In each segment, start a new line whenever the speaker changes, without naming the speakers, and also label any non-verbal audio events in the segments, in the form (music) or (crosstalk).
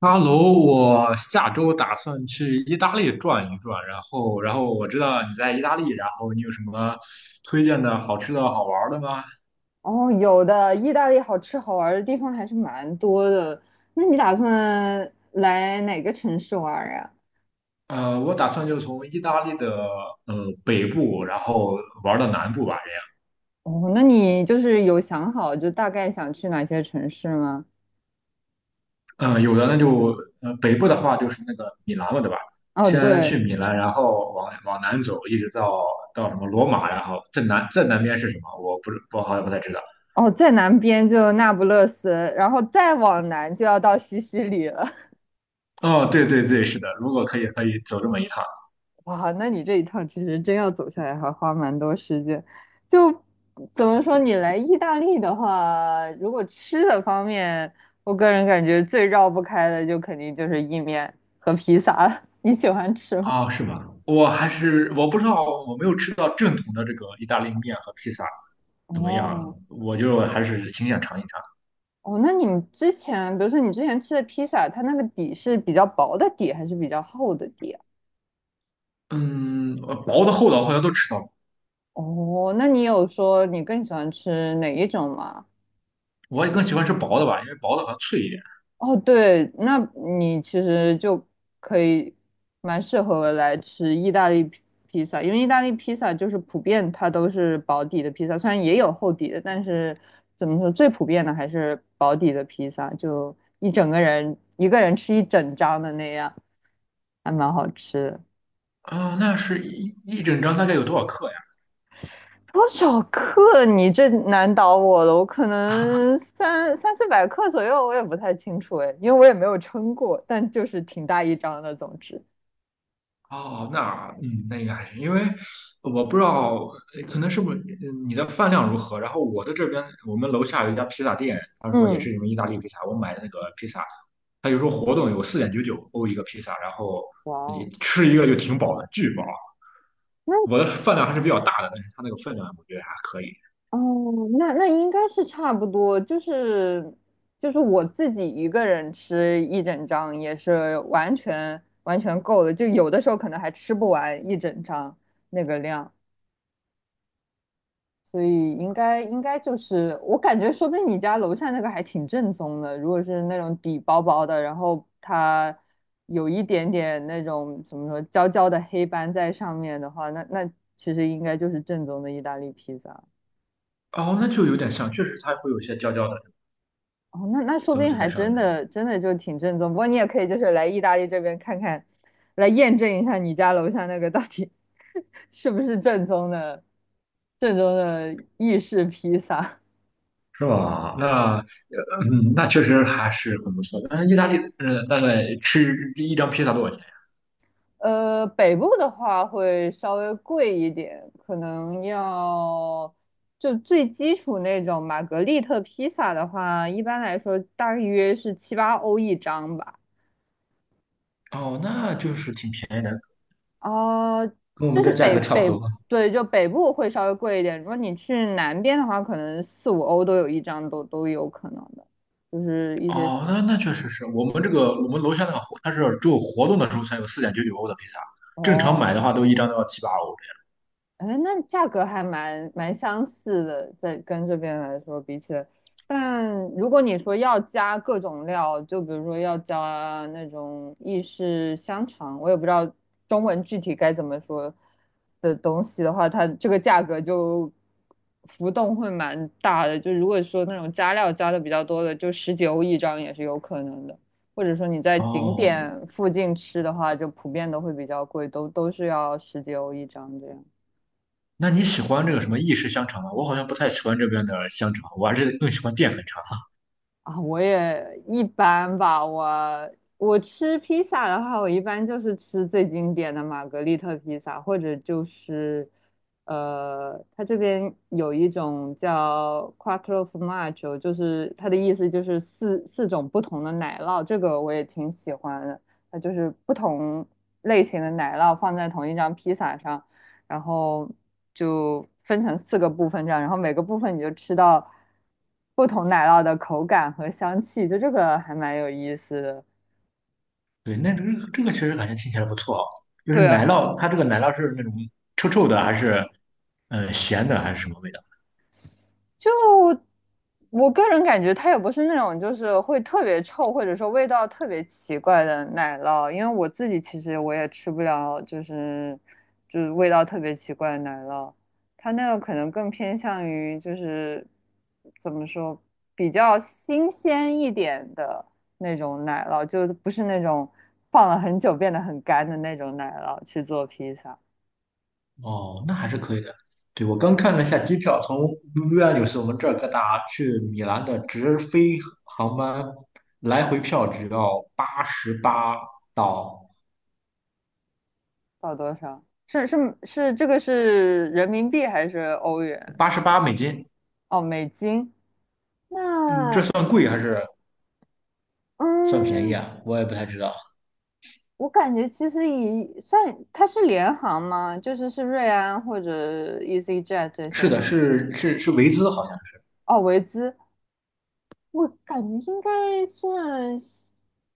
哈喽，我下周打算去意大利转一转，然后我知道你在意大利，然后你有什么推荐的好吃的好玩儿的吗？
哦，有的，意大利好吃好玩的地方还是蛮多的。那你打算来哪个城市玩儿呀？
我打算就从意大利的北部，然后玩到南部吧，
哦，那你就是有想好就大概想去哪些城市吗？
这样。嗯、有的那就北部的话就是那个米兰了，对吧？
哦，
先去
对，
米兰，然后往南走，一直到什么罗马，然后再南边是什么？我好像不太知道。
哦，在南边就那不勒斯，然后再往南就要到西西里了。
哦，对对对，是的，如果可以，可以走这么一趟。
哇，那你这一趟其实真要走下来，还花蛮多时间。就怎么说，你来意大利的话，如果吃的方面，我个人感觉最绕不开的，就肯定就是意面和披萨了。(laughs) 你喜欢吃吗？
哦，是吧？我还是我不知道，我没有吃到正统的这个意大利面和披萨怎么样，
哦
我就还是挺想尝一尝。
哦，那你们之前，比如说你之前吃的披萨，它那个底是比较薄的底，还是比较厚的底啊？
嗯，薄的、厚的我好像都吃到过，
哦，那你有说你更喜欢吃哪一种吗？
我也更喜欢吃薄的吧，因为薄的好像脆一点。
哦，对，那你其实就可以蛮适合来吃意大利披萨，因为意大利披萨就是普遍它都是薄底的披萨，虽然也有厚底的，但是怎么说最普遍的还是薄底的披萨，就一整个人一个人吃一整张的那样，还蛮好吃的。
啊、那是一整张大概有多少克呀？
多少克？你这难倒我了，我可能三四百克左右，我也不太清楚哎，因为我也没有称过，但就是挺大一张的，总之。
哦，那应该还行，因为我不知道，可能是不是你的饭量如何。然后我的这边，我们楼下有一家披萨店，他说也
嗯，
是你们意大利披萨，我买的那个披萨它有时候活动有四点九九欧一个披萨，然后
哇
你
哦，
吃一个就挺饱的，巨饱。
那
我的饭量还是比较大的，但是它那个分量我觉得还可以。
哦，那那应该是差不多，就是就是我自己一个人吃一整张也是完全够的，就有的时候可能还吃不完一整张那个量，所以应该就是我感觉，说不定你家楼下那个还挺正宗的，如果是那种底薄薄的，然后它有一点点那种怎么说焦焦的黑斑在上面的话，那那其实应该就是正宗的意大利披萨。
哦，那就有点像，确实它会有一些焦焦的
哦，那那说不
东
定
西
还
在上
真
面，
的真的就挺正宗。不过你也可以就是来意大利这边看看，来验证一下你家楼下那个到底 (laughs) 是不是正宗的正宗的意式披萨。
是吧？那确实还是很不错的。但是意大利，大概吃一张披萨多少钱？
北部的话会稍微贵一点，可能要就最基础那种玛格丽特披萨的话，一般来说大约是七八欧一张吧。
哦，那就是挺便宜的。
哦，
跟我
这
们
是
这价
北
格差不
北，
多。
对，就北部会稍微贵一点。如果你去南边的话，可能四五欧都有一张，都有可能的，就是一些，
哦，那确实是我们楼下那个活，它是只有活动的时候才有四点九九欧的披萨，正常
哦，
买的话都一张都要七八欧的。
哎，那价格还蛮相似的，在跟这边来说比起来，但如果你说要加各种料，就比如说要加那种意式香肠，我也不知道中文具体该怎么说的东西的话，它这个价格就浮动会蛮大的。就如果说那种加料加的比较多的，就十几欧一张也是有可能的。或者说你在景
哦，
点附近吃的话，就普遍都会比较贵，都是要十几欧一张这样。
那你喜欢这个什么意式香肠吗？我好像不太喜欢这边的香肠，我还是更喜欢淀粉肠。
啊，我也一般吧。我吃披萨的话，我一般就是吃最经典的玛格丽特披萨，或者就是，它这边有一种叫 Quattro Formaggio,就是它的意思就是四种不同的奶酪，这个我也挺喜欢的。它就是不同类型的奶酪放在同一张披萨上，然后就分成四个部分这样，然后每个部分你就吃到不同奶酪的口感和香气，就这个还蛮有意思的。
对，那这个确实感觉听起来不错啊。就是
对，
奶酪，它这个奶酪是那种臭臭的，还是咸的，还是什么味道？
就我个人感觉，它也不是那种就是会特别臭，或者说味道特别奇怪的奶酪，因为我自己其实我也吃不了，就是就是味道特别奇怪的奶酪，它那个可能更偏向于就是怎么说，比较新鲜一点的那种奶酪，就不是那种放了很久变得很干的那种奶酪去做披萨。
哦，那还是可以的。对，我刚看了一下机票，从维也纽斯我们这儿各大去米兰的直飞航班，来回票只要八十八到
到多少？是是是，这个是人民币还是欧元？
88美金。
哦，美金，
嗯，这
那
算贵还是算便宜
嗯，
啊？我也不太知道。
我感觉其实以算它是联航吗？就是是瑞安或者 EasyJet 这些
是的，
航。
是是是维兹，好像
哦，维兹，我感觉应该算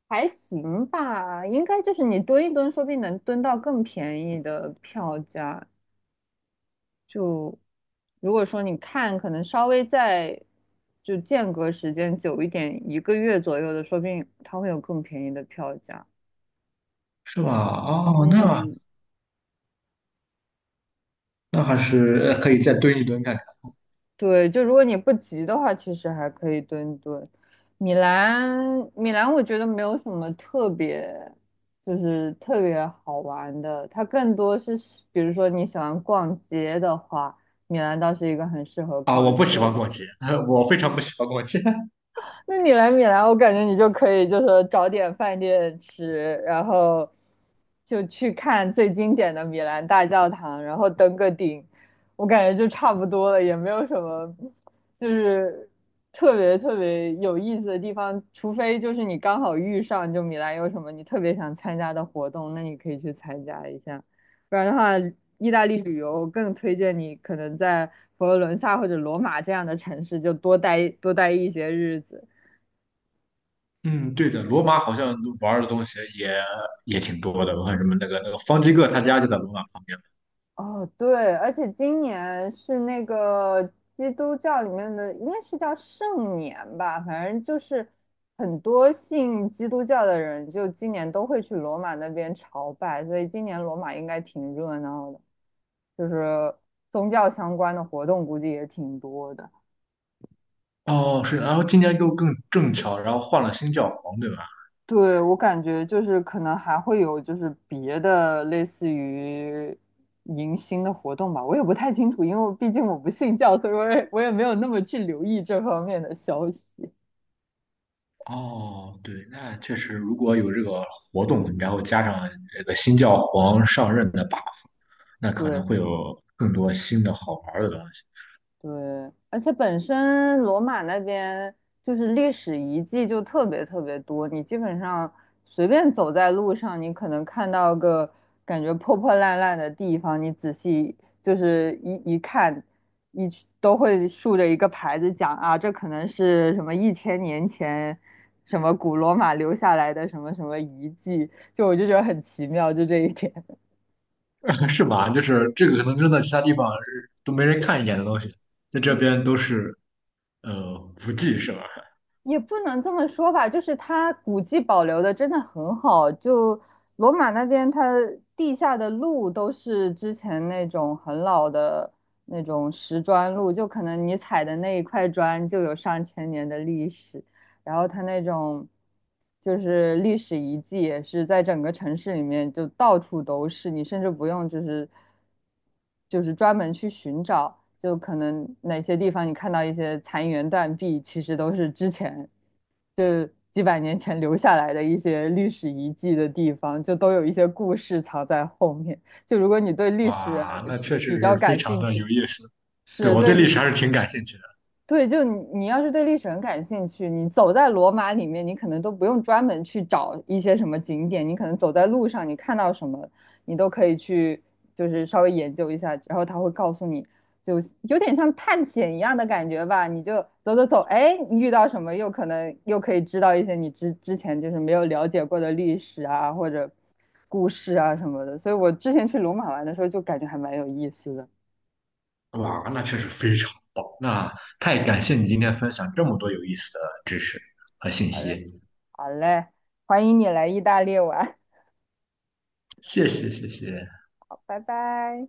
还行吧，应该就是你蹲一蹲，说不定能蹲到更便宜的票价。就如果说你看，可能稍微再就间隔时间久一点，一个月左右的，说不定它会有更便宜的票价。
是吧？哦，那
嗯，
那还是可以再蹲一蹲看看。
对，就如果你不急的话，其实还可以蹲蹲。米兰，米兰，我觉得没有什么特别，就是特别好玩的。它更多是，比如说你喜欢逛街的话，米兰倒是一个很适合
啊！我
逛
不喜
街
欢
的。
逛街，(laughs) 我非常不喜欢逛街。
那你来米兰，我感觉你就可以就是找点饭店吃，然后就去看最经典的米兰大教堂，然后登个顶，我感觉就差不多了，也没有什么就是特别特别有意思的地方，除非就是你刚好遇上就米兰有什么你特别想参加的活动，那你可以去参加一下，不然的话，意大利旅游更推荐你可能在佛罗伦萨或者罗马这样的城市就多待一些日子。
(laughs) 嗯，对的，罗马好像玩的东西也挺多的，我看什么那个方济各他家就在罗马旁边。
哦，对，而且今年是那个基督教里面的，应该是叫圣年吧，反正就是很多信基督教的人，就今年都会去罗马那边朝拜，所以今年罗马应该挺热闹的，就是宗教相关的活动估计也挺多的。
哦，是，然后今年又更正巧，然后换了新教皇，对吧？
对，我感觉就是可能还会有就是别的类似于迎新的活动吧，我也不太清楚，因为我毕竟我不信教，所以我也没有那么去留意这方面的消息。
哦，对，那确实，如果有这个活动，然后加上这个新教皇上任的 buff，那可能
对，
会有更多新的好玩的东西。
对，而且本身罗马那边就是历史遗迹就特别特别多，你基本上随便走在路上，你可能看到个感觉破破烂烂的地方，你仔细就是一看，一都会竖着一个牌子讲啊，这可能是什么一千年前什么古罗马留下来的什么什么遗迹，就我就觉得很奇妙，就这一点。(laughs)
(laughs) 是吧？就是这个可能真的其他地方是都没人看一眼的东西，在这
对，
边都是呃无忌是吧？
也不能这么说吧，就是它古迹保留的真的很好。就罗马那边，它地下的路都是之前那种很老的那种石砖路，就可能你踩的那一块砖就有上千年的历史。然后它那种就是历史遗迹也是在整个城市里面就到处都是，你甚至不用就是专门去寻找，就可能哪些地方你看到一些残垣断壁，其实都是之前就几百年前留下来的一些历史遗迹的地方，就都有一些故事藏在后面。就如果你对历史
哇，那
是
确实
比较
是非
感
常
兴
的
趣，
有意思。对，
是，
我对
对
历史还是挺感兴趣
对，就你要是对历史很感兴趣，你走在罗马里面，你可能都不用专门去找一些什么景点，你可能走在路上，你看到什么，你都可以去，就是稍微研究一下，然后他会告诉你，就有点像探险一样的感觉吧。你就走走走，哎，你遇到什么，又可以知道一些你之前就是没有了解过的历史啊，或者故事啊什么的。所以我之前去罗马玩的时候，就感觉还蛮有意思的。
的。哇，那确实非常棒。那太感谢你今天分享这么多有意思的知识和信
好嘞，
息，
好嘞，欢迎你来意大利玩。
谢谢谢谢。
拜拜。